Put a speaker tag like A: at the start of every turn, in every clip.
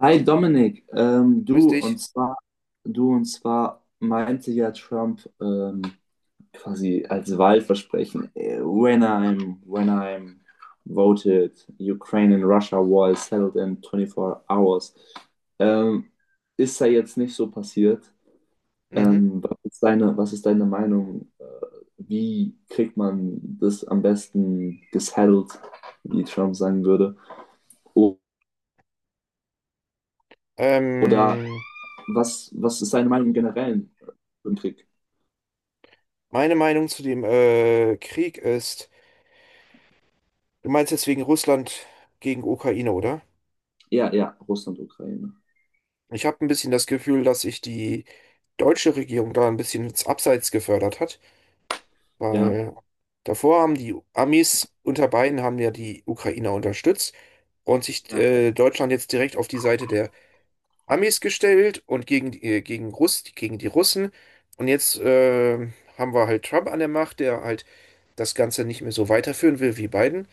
A: Hi Dominik,
B: Grüß
A: du und
B: dich.
A: zwar, du und zwar meinte ja Trump, quasi als Wahlversprechen, when I'm voted, Ukraine and Russia war settled in 24 hours. Ähm, Ist da jetzt nicht so passiert?
B: Mhm.
A: Was ist deine Meinung? Wie kriegt man das am besten gesettelt, wie Trump sagen würde? O- Oder
B: Ähm,
A: was ist deine Meinung im Generellen? Im Krieg.
B: Meine Meinung zu dem Krieg ist, du meinst jetzt wegen Russland gegen Ukraine, oder?
A: Ja, ja, Russland, Ukraine.
B: Ich habe ein bisschen das Gefühl, dass sich die deutsche Regierung da ein bisschen ins Abseits gefördert hat,
A: Ja,
B: weil davor haben die Amis unter Biden haben ja die Ukrainer unterstützt und sich
A: ja.
B: Deutschland jetzt direkt auf die Seite der Amis gestellt und gegen, gegen gegen die Russen. Und jetzt haben wir halt Trump an der Macht, der halt das Ganze nicht mehr so weiterführen will wie Biden.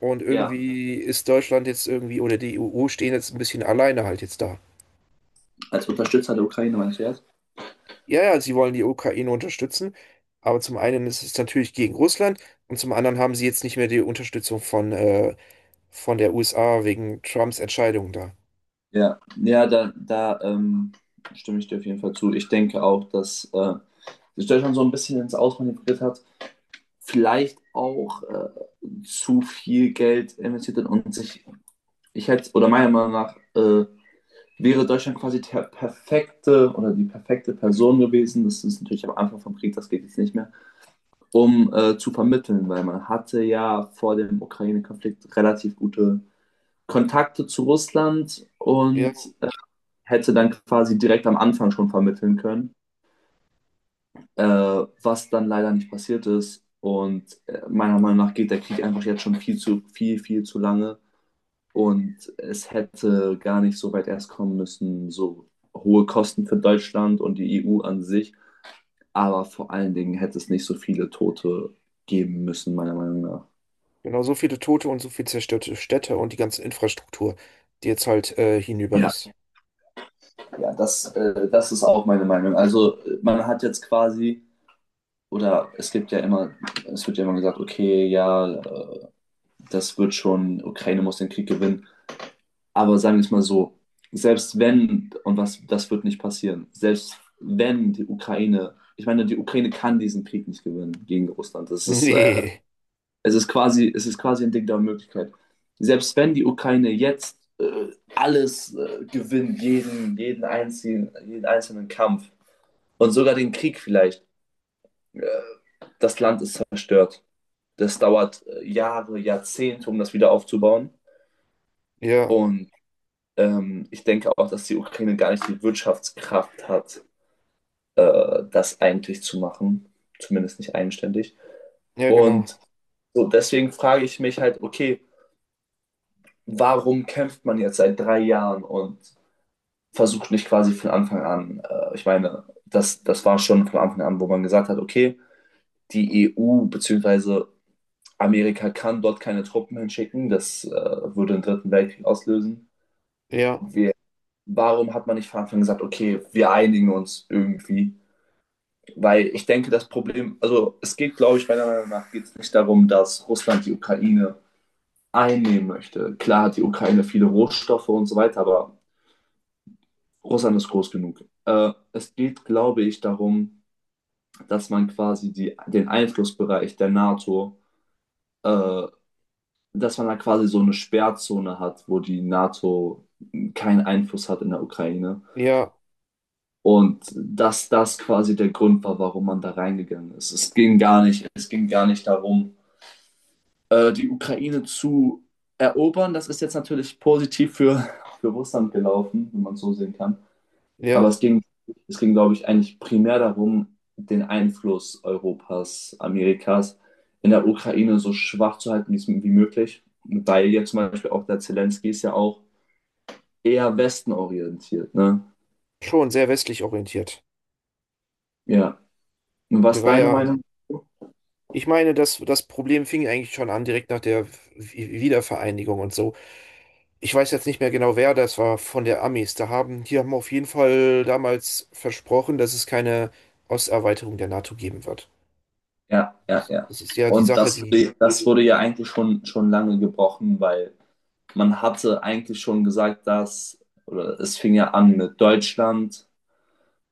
B: Und
A: Ja.
B: irgendwie ist Deutschland jetzt irgendwie oder die EU stehen jetzt ein bisschen alleine halt jetzt da.
A: Als Unterstützer der Ukraine, meinst du jetzt?
B: Ja, ja, sie wollen die Ukraine unterstützen, aber zum einen ist es natürlich gegen Russland und zum anderen haben sie jetzt nicht mehr die Unterstützung von der USA wegen Trumps Entscheidung da.
A: Ja, ja, da, stimme ich dir auf jeden Fall zu. Ich denke auch, dass sich Deutschland so ein bisschen ins Ausmanövriert hat, vielleicht auch zu viel Geld investiert hat und sich, ich hätte, oder meiner Meinung nach, wäre Deutschland quasi der perfekte oder die perfekte Person gewesen. Das ist natürlich am Anfang vom Krieg, das geht jetzt nicht mehr. Um zu vermitteln, weil man hatte ja vor dem Ukraine-Konflikt relativ gute Kontakte zu Russland
B: Ja,
A: und hätte dann quasi direkt am Anfang schon vermitteln können, äh, was dann leider nicht passiert ist. Und meiner Meinung nach geht der Krieg einfach jetzt schon viel zu viel, viel zu lange. Und es hätte gar nicht so weit erst kommen müssen, so hohe Kosten für Deutschland und die EU an sich. Aber vor allen Dingen hätte es nicht so viele Tote geben müssen, meiner Meinung nach.
B: genau, so viele Tote und so viel zerstörte Städte und die ganze Infrastruktur, die jetzt halt hinüber
A: Ja,
B: ist.
A: ja, das ist auch meine Meinung. Also man hat jetzt quasi, oder es gibt ja immer, es wird ja immer gesagt, okay, ja, das wird schon, Ukraine muss den Krieg gewinnen. Aber sagen wir es mal so, selbst wenn, und was, das wird nicht passieren, selbst wenn die Ukraine, ich meine, die Ukraine kann diesen Krieg nicht gewinnen gegen Russland. Das ist,
B: Nee,
A: es ist quasi ein Ding der Möglichkeit. Selbst wenn die Ukraine jetzt alles gewinnt, jeden einzelnen Kampf, und sogar den Krieg vielleicht. Äh, Das Land ist zerstört. Das dauert Jahre, Jahrzehnte, um das wieder aufzubauen.
B: ja,
A: Und ich denke auch, dass die Ukraine gar nicht die Wirtschaftskraft hat, das eigentlich zu machen. Zumindest nicht eigenständig.
B: ja, genau,
A: Und so deswegen frage ich mich halt, okay, warum kämpft man jetzt seit 3 Jahren und versucht nicht quasi von Anfang an, ich meine, das war schon von Anfang an, wo man gesagt hat, okay, die EU bzw. Amerika kann dort keine Truppen hinschicken. Das würde den Dritten Weltkrieg auslösen.
B: ja,
A: Wir, Warum hat man nicht von Anfang an gesagt, okay, wir einigen uns irgendwie? Weil ich denke, das Problem, also es geht, glaube ich, meiner Meinung nach geht es nicht darum, dass Russland die Ukraine einnehmen möchte. Klar hat die Ukraine viele Rohstoffe und so weiter, aber Russland ist groß genug. Es geht, glaube ich, darum, dass man quasi die, den Einflussbereich der NATO, äh, dass man da quasi so eine Sperrzone hat, wo die NATO keinen Einfluss hat in der Ukraine.
B: ja,
A: Und dass das quasi der Grund war, warum man da reingegangen ist. Es ging gar nicht darum, die Ukraine zu erobern. Das ist jetzt natürlich positiv für Russland gelaufen, wenn man es so sehen kann. Aber es
B: ja,
A: ging, es ging, glaube ich, eigentlich primär darum, den Einfluss Europas, Amerikas in der Ukraine so schwach zu halten, wie möglich. Weil jetzt zum Beispiel auch der Zelensky ist ja auch eher westenorientiert, ne?
B: schon sehr westlich orientiert.
A: Ja. Und was
B: Der
A: ist
B: war
A: deine
B: ja,
A: Meinung?
B: ich meine, das, das Problem fing eigentlich schon an, direkt nach der Wiedervereinigung und so. Ich weiß jetzt nicht mehr genau, wer das war von der Amis. Da haben, die haben auf jeden Fall damals versprochen, dass es keine Osterweiterung der NATO geben wird.
A: Ja, ja,
B: Das,
A: ja.
B: das ist ja die
A: Und
B: Sache, die
A: das wurde ja eigentlich schon lange gebrochen, weil man hatte eigentlich schon gesagt, dass, oder es fing ja an mit Deutschland,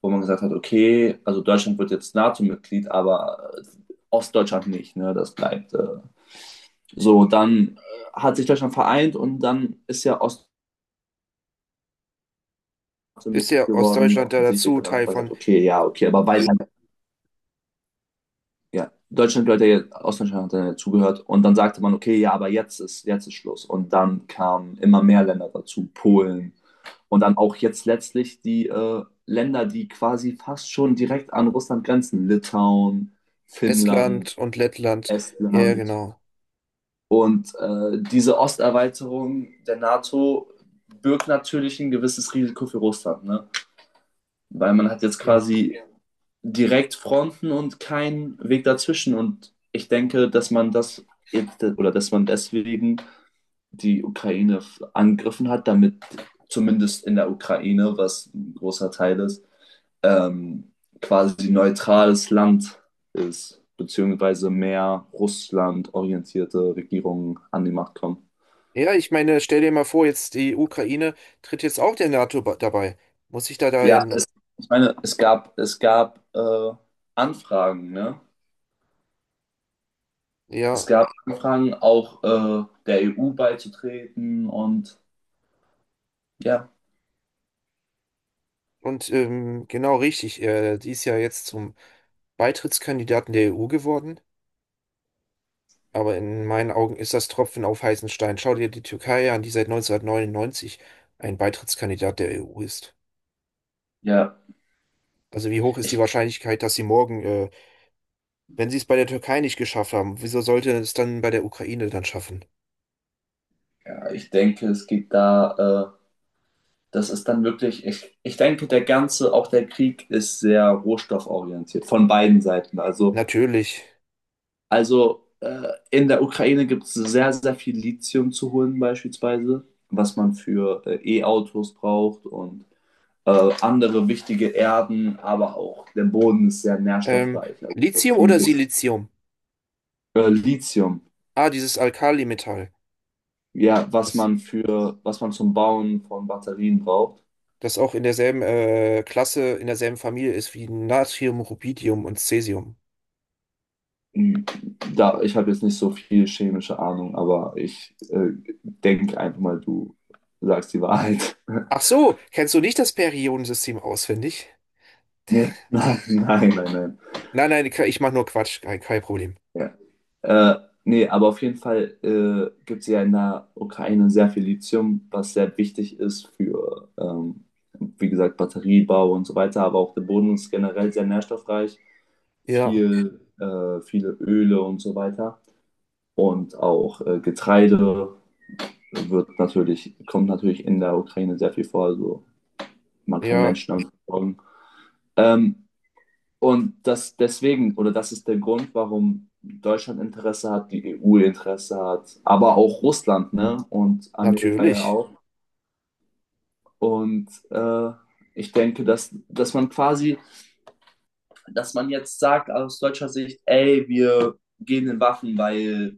A: wo man gesagt hat, okay, also Deutschland wird jetzt NATO-Mitglied, aber Ostdeutschland nicht, ne? Das bleibt so. Dann hat sich Deutschland vereint und dann ist ja Ostdeutschland
B: ist
A: Mitglied
B: ja
A: geworden,
B: Ostdeutschland da
A: offensichtlich.
B: dazu,
A: Und dann hat
B: Teil
A: man gesagt,
B: von
A: okay, ja, okay, aber weil ja, Deutschland gehört ja jetzt, Ostdeutschland hat dann ja zugehört und dann sagte man, okay, ja, aber jetzt ist Schluss. Und dann kamen immer mehr Länder dazu, Polen und dann auch jetzt letztlich die Länder, die quasi fast schon direkt an Russland grenzen, Litauen, Finnland.
B: Estland und Lettland. Ja, ja,
A: Estland.
B: genau.
A: Und diese Osterweiterung der NATO birgt natürlich ein gewisses Risiko für Russland, ne? Weil man hat jetzt
B: Ja.
A: quasi direkt Fronten und keinen Weg dazwischen. Und ich denke, dass man das jetzt, oder dass man deswegen die Ukraine angegriffen hat, damit zumindest in der Ukraine, was ein großer Teil ist, ähm, quasi neutrales Land ist, beziehungsweise mehr Russland orientierte Regierungen an die Macht kommen.
B: Ja, ich meine, stell dir mal vor, jetzt die Ukraine tritt jetzt auch der NATO dabei. Muss ich da da ja
A: Ja,
B: noch.
A: ich meine, es gab Anfragen, ne? Es
B: Ja,
A: gab Anfragen, auch der EU beizutreten und ja,
B: und genau richtig, die ist ja jetzt zum Beitrittskandidaten der EU geworden, aber in meinen Augen ist das Tropfen auf heißen Stein. Schau dir die Türkei an, die seit 1999 ein Beitrittskandidat der EU ist.
A: ja,
B: Also wie hoch ist die Wahrscheinlichkeit, dass sie morgen, wenn sie es bei der Türkei nicht geschafft haben, wieso sollte es dann bei der Ukraine dann schaffen?
A: ja, ich denke, es geht da, das ist dann wirklich, ich denke, der ganze, auch der Krieg ist sehr rohstofforientiert von beiden Seiten. Also
B: Natürlich.
A: Also in der Ukraine gibt es sehr, sehr viel Lithium zu holen beispielsweise, was man für E-Autos braucht und andere wichtige Erden, aber auch der Boden ist sehr
B: Ähm,
A: nährstoffreich. Also
B: Lithium
A: viel
B: oder
A: gibt's.
B: Silizium?
A: Lithium,
B: Ah, dieses Alkalimetall.
A: ja, was
B: Das
A: man für, was man zum Bauen von Batterien braucht.
B: das auch in derselben Klasse, in derselben Familie ist wie Natrium, Rubidium und Cäsium.
A: Hm, Da, ich habe jetzt nicht so viel chemische Ahnung, aber ich denke einfach mal, du sagst die Wahrheit.
B: Ach so, kennst du nicht das Periodensystem auswendig?
A: Nee, nein, nein, nein, nein.
B: Nein, nein, ich mache nur Quatsch, kein, kein Problem.
A: Ja. Äh, Nee, aber auf jeden Fall gibt es ja in der Ukraine sehr viel Lithium, was sehr wichtig ist für, wie gesagt, Batteriebau und so weiter, aber auch der Boden ist generell sehr nährstoffreich,
B: Ja,
A: viele Öle und so weiter. Und auch Getreide wird natürlich, kommt natürlich in der Ukraine sehr viel vor. Also man kann
B: ja,
A: Menschen damit versorgen. Ähm, Und das deswegen, oder das ist der Grund, warum Deutschland Interesse hat, die EU Interesse hat, aber auch Russland, ne? Und Amerika ja
B: natürlich.
A: auch. Und ich denke, dass man jetzt sagt aus deutscher Sicht, ey, wir gehen in Waffen, weil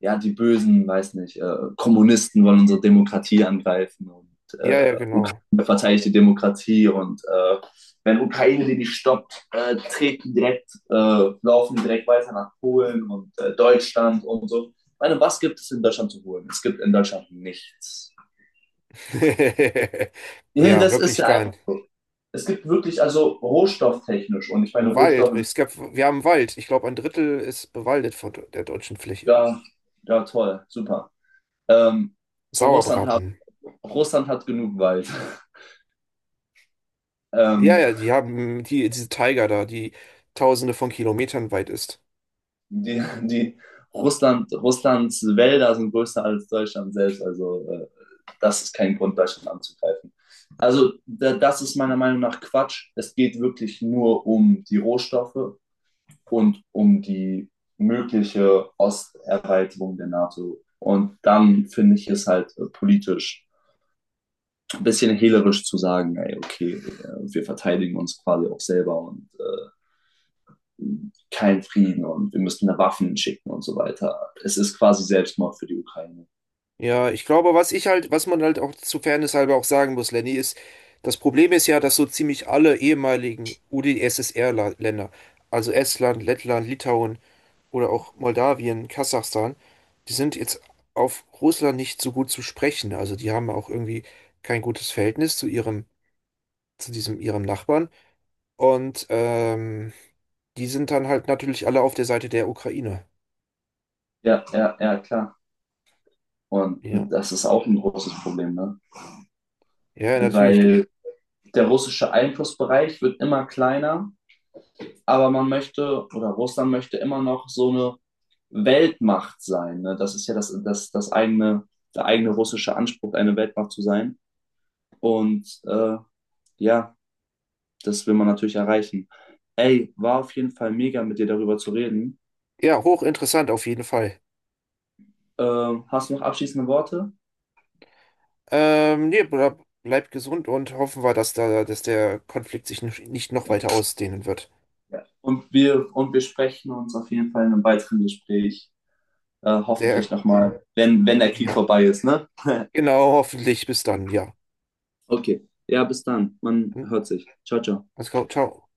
A: ja die bösen, weiß nicht, Kommunisten wollen unsere Demokratie angreifen und
B: Ja, ja,
A: äh,
B: genau.
A: verteidigt die Demokratie und wenn Ukraine die nicht stoppt, laufen direkt weiter nach Polen und Deutschland und so. Ich meine, was gibt es in Deutschland zu holen? Es gibt in Deutschland nichts. Nee,
B: Ja,
A: das ist
B: wirklich
A: ja einfach.
B: gern.
A: Es gibt wirklich, also rohstofftechnisch, und ich meine,
B: Wald,
A: Rohstoffe sind
B: es gab, wir haben Wald. Ich glaube, ein Drittel ist bewaldet von der deutschen Fläche.
A: ja, ja toll, super. Ähm, Russland hat,
B: Sauerbraten.
A: Russland hat genug Wald.
B: Ja,
A: Ähm,
B: ja, die haben die, diese Tiger da, die tausende von Kilometern weit ist.
A: Die, die Russlands Wälder sind größer als Deutschland selbst. Also das ist kein Grund, Deutschland anzugreifen. Also da, das ist meiner Meinung nach Quatsch. Es geht wirklich nur um die Rohstoffe und um die mögliche Osterweiterung der NATO. Und dann finde ich es halt politisch ein bisschen hehlerisch zu sagen, ey, okay, wir verteidigen uns quasi auch selber und keinen Frieden und wir müssen da Waffen schicken und so weiter. Es ist quasi Selbstmord für die Ukraine.
B: Ja, ich glaube, was ich halt, was man halt auch zu Fairness halber auch sagen muss, Lenny, ist, das Problem ist ja, dass so ziemlich alle ehemaligen UdSSR-Länder, also Estland, Lettland, Litauen oder auch Moldawien, Kasachstan, die sind jetzt auf Russland nicht so gut zu sprechen. Also die haben auch irgendwie kein gutes Verhältnis zu ihrem, zu diesem ihrem Nachbarn. Und die sind dann halt natürlich alle auf der Seite der Ukraine.
A: Ja, ja, ja, klar. Und
B: Ja,
A: das ist auch ein großes Problem, ne?
B: ja, natürlich. Du,
A: Weil der russische Einflussbereich wird immer kleiner, aber man möchte oder Russland möchte immer noch so eine Weltmacht sein. Ne? Das ist ja das, eigene, der eigene russische Anspruch, eine Weltmacht zu sein. Und ja, das will man natürlich erreichen. Ey, war auf jeden Fall mega, mit dir darüber zu reden.
B: ja, hochinteressant auf jeden Fall.
A: Hast du noch abschließende Worte?
B: Nee, bleib gesund und hoffen wir, dass da, dass der Konflikt sich nicht noch
A: Ja,
B: weiter ausdehnen wird.
A: ja. Und wir sprechen uns auf jeden Fall in einem weiteren Gespräch,
B: Der,
A: hoffentlich nochmal, wenn der Krieg
B: ja.
A: vorbei ist, ne?
B: Genau, hoffentlich. Bis dann, ja.
A: Okay. Ja, bis dann. Man
B: Hm?
A: hört sich. Ciao, ciao.
B: Alles klar, ciao.